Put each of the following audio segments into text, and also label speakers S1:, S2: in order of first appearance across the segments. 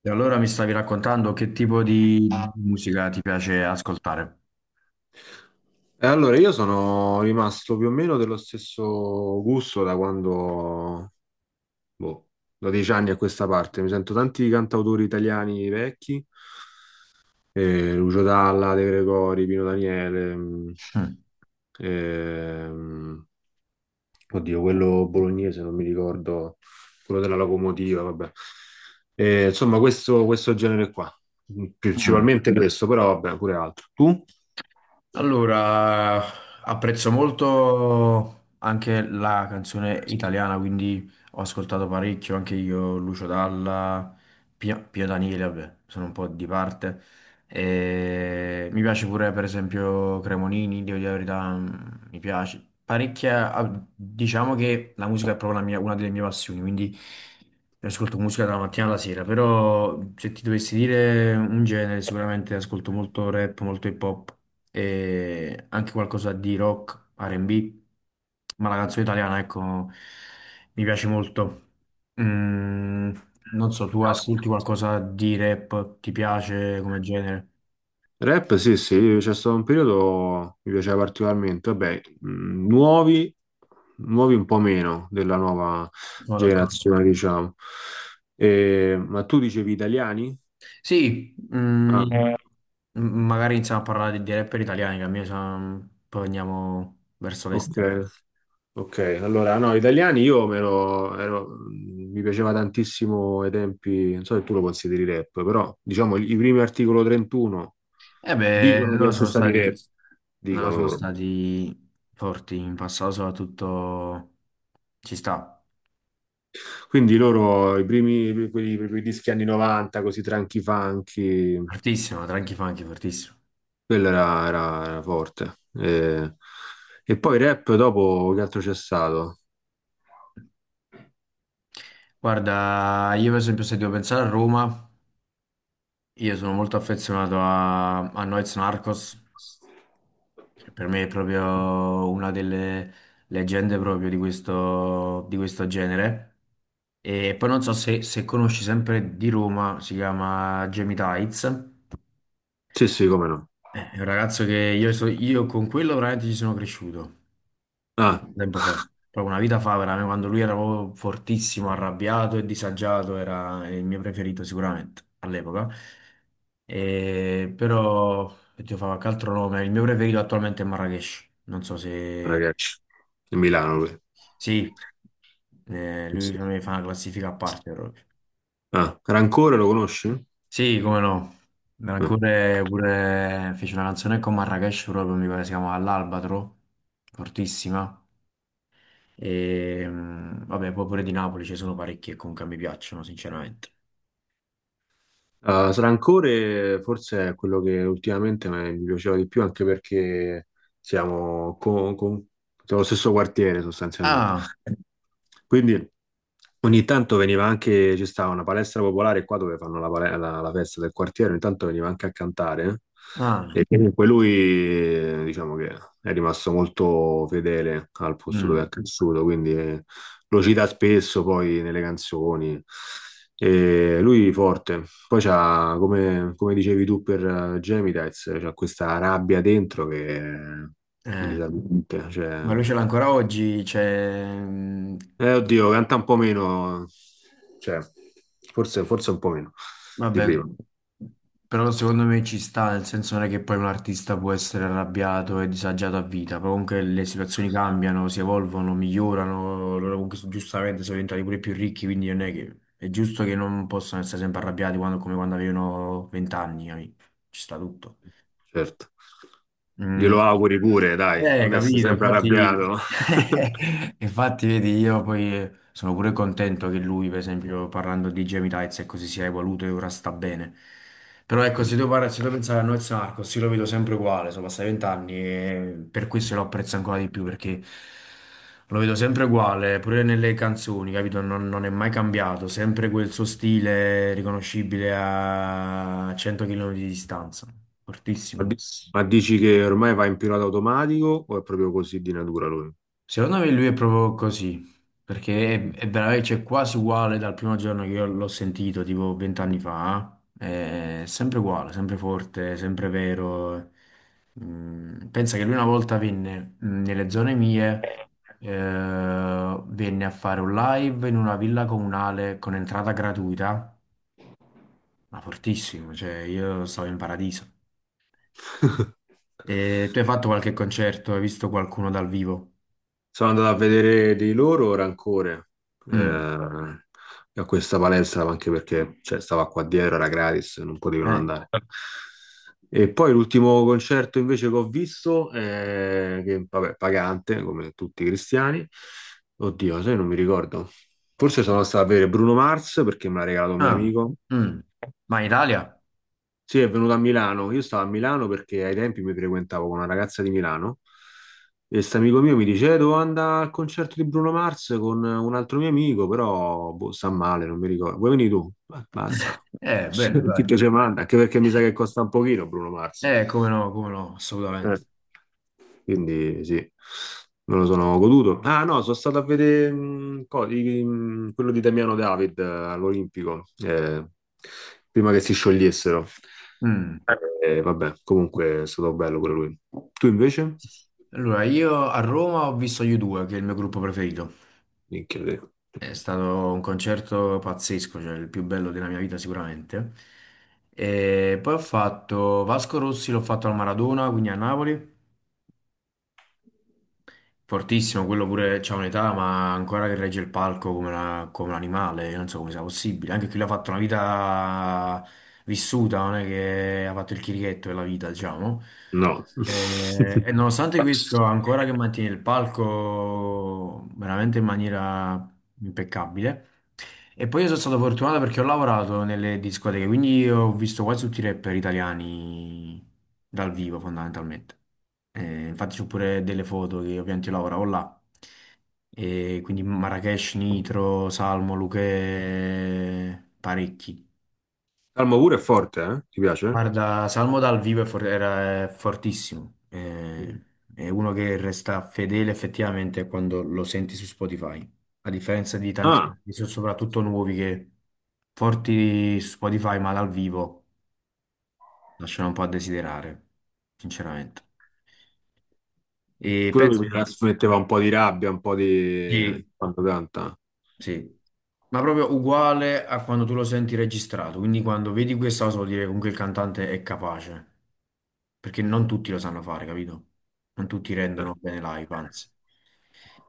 S1: E allora mi stavi raccontando che tipo di musica ti piace ascoltare?
S2: Io sono rimasto più o meno dello stesso gusto da quando, boh, da dieci anni a questa parte. Mi sento tanti cantautori italiani vecchi, Lucio Dalla, De Gregori, Pino Daniele,
S1: Mm.
S2: ehm, oddio, quello bolognese, non mi ricordo, quello della locomotiva, vabbè. Insomma, questo, questo genere qua,
S1: Mm.
S2: principalmente questo, però vabbè, pure altro. Tu?
S1: Allora, apprezzo molto anche la canzone italiana, quindi ho ascoltato parecchio anche io Lucio Dalla, Pio Daniele, vabbè, sono un po' di parte. E mi piace pure, per esempio, Cremonini, devo dire la verità, mi piace parecchia. Diciamo che la musica è proprio una delle mie passioni, quindi io ascolto musica dalla mattina alla sera. Però se ti dovessi dire un genere, sicuramente ascolto molto rap, molto hip hop e anche qualcosa di rock, R&B. Ma la canzone italiana, ecco, mi piace molto. Mm, non so, tu ascolti qualcosa di rap, ti piace come genere?
S2: Rap, sì, sì, c'è stato un periodo che mi piaceva particolarmente. Vabbè, nuovi un po' meno della nuova
S1: Sono d'accordo.
S2: generazione, diciamo. Ma tu dicevi italiani?
S1: Sì,
S2: Ah,
S1: magari iniziamo a parlare di rapper italiani, che a me sa- mm, poi andiamo verso l'estero.
S2: ok, ok. Allora, no, italiani io me lo- ero- mi piaceva tantissimo ai tempi, non so se tu lo consideri rap, però diciamo i primi Articolo 31
S1: E beh,
S2: dicono di essere stati rap,
S1: loro
S2: dicono
S1: sono
S2: loro.
S1: stati forti in passato, soprattutto ci sta.
S2: Quindi loro, i primi, quelli, i primi dischi anni 90, così Tranchi Funky,
S1: Fortissimo, Tranchi Funky, fortissimo.
S2: era forte. E poi rap dopo che altro c'è stato?
S1: Guarda, io per esempio se devo pensare a Roma. Io sono molto affezionato a Noyz Narcos, che per me è proprio una delle leggende proprio di questo genere. E poi non so se conosci sempre di Roma, si chiama Jamie Tights.
S2: Sì, sì, come no.
S1: È un ragazzo che io con quello veramente ci sono cresciuto.
S2: Ah,
S1: Tempo fa, proprio una vita fa, veramente, quando lui era proprio fortissimo, arrabbiato e disagiato, era il mio preferito sicuramente all'epoca. Però, oddio, fa qualche altro nome, il mio preferito attualmente è Marrakesh, non so se...
S2: ragazzi, di Milano lui.
S1: Sì,
S2: Sì,
S1: lui
S2: sì.
S1: per me fa una classifica a parte proprio.
S2: Ah, Rancore lo conosci?
S1: Sì, come no.
S2: Eh.
S1: Ancora pure fece una canzone con Marrakesh proprio, mi pare si chiama L'Albatro, fortissima. E, mm, vabbè, poi pure di Napoli ci sono parecchi che comunque mi piacciono, sinceramente.
S2: Ah, Rancore forse è quello che ultimamente mi piaceva di più, anche perché siamo con, con- siamo lo stesso quartiere sostanzialmente.
S1: Ah,
S2: Quindi... Ogni tanto veniva anche, ci stava una palestra popolare qua dove fanno la festa del quartiere, ogni tanto veniva anche a cantare.
S1: ah,
S2: Eh. E comunque lui, diciamo che è rimasto molto fedele al posto dove è
S1: mm,
S2: cresciuto, quindi lo cita spesso poi nelle canzoni. E lui forte. Poi c'ha, come dicevi tu per Gemidites, c'ha questa rabbia dentro che è
S1: eh.
S2: disarmante,
S1: Ma
S2: cioè
S1: lui ce l'ha ancora oggi, cioè, mm,
S2: eh, oddio, canta un po' meno, cioè, forse un po' meno di
S1: vabbè,
S2: prima,
S1: però secondo me ci sta, nel senso non è che poi un artista può essere arrabbiato e disagiato a vita, però comunque le situazioni cambiano, si evolvono, migliorano, giustamente sono diventati pure più ricchi, quindi non è che è giusto che non possano essere sempre arrabbiati come quando avevano vent'anni, capì? Ci sta tutto.
S2: certo.
S1: Mm.
S2: Glielo auguri pure, dai, non essere
S1: Capito,
S2: sempre
S1: infatti,
S2: arrabbiato.
S1: infatti vedi, io poi sono pure contento che lui, per esempio, parlando di Gemilaits, ecco, si sia evoluto e ora sta bene. Però ecco,
S2: Mm.
S1: se devo pensare a Noyz Narcos, io lo vedo sempre uguale, sono passati vent'anni e per questo lo apprezzo ancora di più, perché lo vedo sempre uguale, pure nelle canzoni, capito? Non è mai cambiato, sempre quel suo stile riconoscibile a 100 km di distanza,
S2: Ma,
S1: fortissimo.
S2: di- ma dici che ormai va in pilota automatico o è proprio così di natura lui?
S1: Secondo me lui è proprio così, perché
S2: Mm.
S1: è veramente, cioè, quasi uguale dal primo giorno che io l'ho sentito, tipo vent'anni fa, eh, è sempre uguale, sempre forte, sempre vero. Mm, pensa che lui una volta venne nelle zone mie, eh, venne a fare un live in una villa comunale con entrata gratuita, ma fortissimo, cioè io stavo in paradiso. E tu hai fatto qualche concerto, hai visto qualcuno dal vivo?
S2: Sono andato a vedere di loro Rancore,
S1: Mm. Mm.
S2: a questa palestra, anche perché cioè, stava qua dietro, era gratis, non potevo non
S1: Eh,
S2: andare. E poi l'ultimo concerto invece che ho visto, che vabbè, pagante, come tutti i cristiani, oddio, sai, non mi ricordo. Forse sono stato a vedere Bruno Mars perché me l'ha regalato un mio
S1: ah,
S2: amico.
S1: mm. Ma in Italia?
S2: Sì, è venuto a Milano. Io stavo a Milano perché ai tempi mi frequentavo con una ragazza di Milano e questo amico mio mi dice: Devo andare al concerto di Bruno Mars con un altro mio amico, però boh, sta male, non mi ricordo. Vuoi venire tu?" Mazza,
S1: Bene,
S2: chi
S1: dai.
S2: te ce manda? Anche perché mi sa che costa un pochino Bruno Mars.
S1: Come no, come no,
S2: Eh.
S1: assolutamente.
S2: Quindi sì, me lo sono goduto. Ah no, sono stato a vedere quello di Damiano David all'Olimpico, prima che si sciogliessero.
S1: Mm.
S2: Vabbè, comunque è stato bello pure lui. Tu invece?
S1: Allora, io a Roma ho visto gli U2, che è il mio gruppo preferito.
S2: Minchia te.
S1: È stato un concerto pazzesco, cioè il più bello della mia vita sicuramente. E poi ho fatto Vasco Rossi, l'ho fatto al Maradona, quindi a Napoli. Fortissimo, quello pure c'ha un'età, ma ancora che regge il palco come un animale, io non so come sia possibile. Anche chi l'ha fatto una vita vissuta, non è che ha fatto il chirichetto della vita, diciamo.
S2: No.
S1: Nonostante questo, ancora che mantiene il palco veramente in maniera impeccabile. E poi io sono stato fortunato perché ho lavorato nelle discoteche, quindi ho visto quasi tutti i rapper italiani dal vivo, fondamentalmente. Infatti c'ho pure delle foto che ovviamente io lavoravo là. E quindi Marrakesh, Nitro, Salmo, Luchè, parecchi.
S2: Calmo pure è forte, eh? Ti piace?
S1: Guarda, Salmo dal vivo è for- era è fortissimo.
S2: Mm.
S1: È uno che resta fedele effettivamente quando lo senti su Spotify. A differenza di tanti
S2: Ah,
S1: artisti, soprattutto nuovi, che forti su Spotify, ma dal vivo lasciano un po' a desiderare, sinceramente. E
S2: pure lui
S1: penso
S2: mi
S1: che
S2: trasmetteva un po' di rabbia, un po' di...
S1: sì,
S2: Quanto canta?
S1: sì. Ma proprio uguale a quando tu lo senti registrato, quindi quando vedi questa cosa vuol dire che comunque il cantante è capace, perché non tutti lo sanno fare, capito? Non tutti
S2: Eh,
S1: rendono bene live, anzi.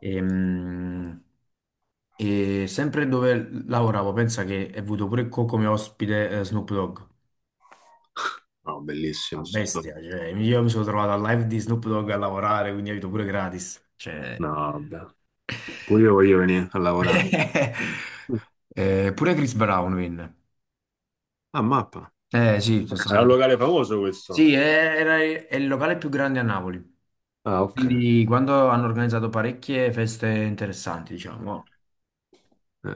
S1: Ehm, E, sempre dove lavoravo, pensa che ho avuto come ospite Snoop Dogg,
S2: No,
S1: una
S2: bellissimo.
S1: bestia, cioè io mi sono trovato al live di Snoop Dogg a lavorare, quindi ho avuto pure gratis, cioè...
S2: No, vabbè. Pure io voglio venire a lavorare.
S1: Pure Chris Brown venne.
S2: Ah, mappa.
S1: Eh sì, sono
S2: Era un
S1: stato.
S2: locale famoso questo.
S1: Sì, è- era è il locale più grande a Napoli,
S2: Ah, ok.
S1: quindi quando hanno organizzato parecchie feste interessanti, diciamo.
S2: Eh.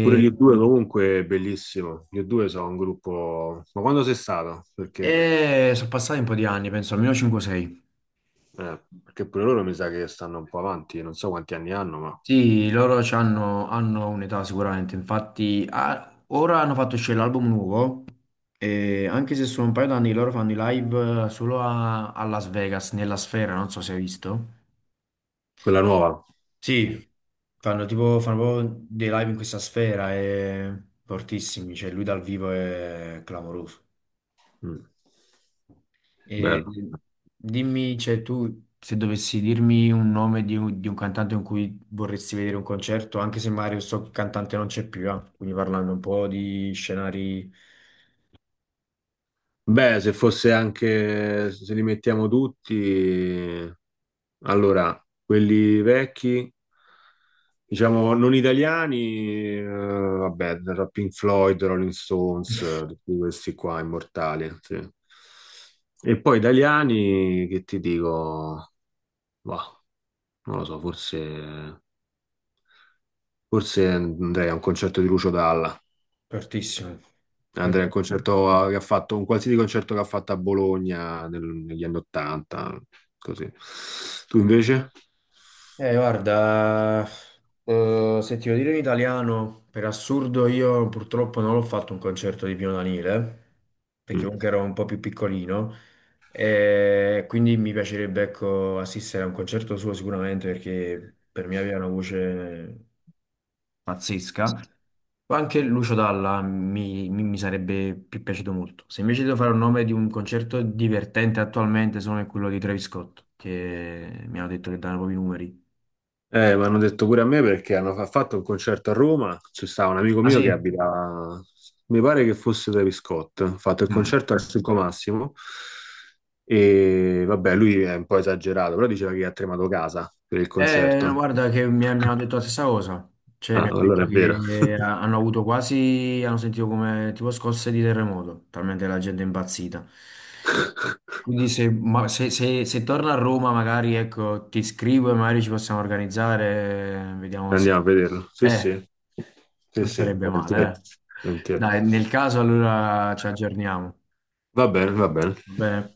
S2: Pure gli U2 comunque è bellissimo. Gli U2 sono un gruppo... Ma quando sei stato?
S1: e sono passati un po' di anni, penso almeno 5-6.
S2: Perché pure loro mi sa che stanno un po' avanti, non so quanti anni hanno, ma
S1: Sì, hanno un'età sicuramente, infatti ah, ora hanno fatto uscire l'album nuovo, e anche se sono un paio d'anni che loro fanno i live solo a Las Vegas, nella sfera, non so se hai visto.
S2: quella nuova.
S1: Sì, fanno proprio dei live in questa sfera e fortissimi, cioè lui dal vivo è clamoroso.
S2: Mm.
S1: E
S2: Bello.
S1: dimmi, cioè tu se dovessi dirmi un nome di un cantante con cui vorresti vedere un concerto, anche se magari questo cantante non c'è più, quindi parlando un po' di scenari
S2: Beh, se fosse anche, se li mettiamo tutti, allora, quelli vecchi, diciamo non italiani, vabbè, da Pink Floyd, Rolling Stones, tutti questi qua immortali. Sì. E poi italiani, che ti dico, bah, non lo so, forse andrei a un concerto di Lucio Dalla.
S1: fortissimi.
S2: Andrei a un concerto che ha fatto, un qualsiasi concerto che ha fatto a Bologna negli anni Ottanta, così. Tu invece?
S1: Guarda, se ti devo dire in italiano, per assurdo io purtroppo non l'ho fatto un concerto di Pino Daniele, perché
S2: Mm.
S1: comunque ero un po' più piccolino, e quindi mi piacerebbe, ecco, assistere a un concerto suo sicuramente, perché per me aveva una voce pazzesca. O anche Lucio Dalla mi sarebbe più piaciuto molto. Se invece devo fare un nome di un concerto divertente attualmente, sono quello di Travis Scott, che mi hanno detto che danno proprio i numeri.
S2: Mi hanno detto pure a me perché hanno fatto un concerto a Roma, c'è stato un amico
S1: Ah
S2: mio che
S1: sì?
S2: abita, mi pare che fosse Travis Scott, ha fatto il
S1: Mm.
S2: concerto al Circo Massimo e vabbè, lui è un po' esagerato, però diceva che ha tremato casa per il
S1: No,
S2: concerto.
S1: guarda che mi hanno detto la stessa cosa, cioè
S2: Ah,
S1: mi hanno detto
S2: allora è vero.
S1: hanno avuto quasi, hanno sentito come tipo scosse di terremoto, talmente la gente è impazzita. Quindi se, ma- se, se- se torno a Roma magari ecco, ti scrivo e magari ci possiamo organizzare, vediamo se...
S2: Andiamo a vederlo. Sì,
S1: Eh,
S2: sì, sì,
S1: non
S2: sì,
S1: sarebbe
S2: volentieri.
S1: male, eh.
S2: Volentieri.
S1: Dai, nel caso allora ci aggiorniamo,
S2: Va bene, va bene.
S1: va bene?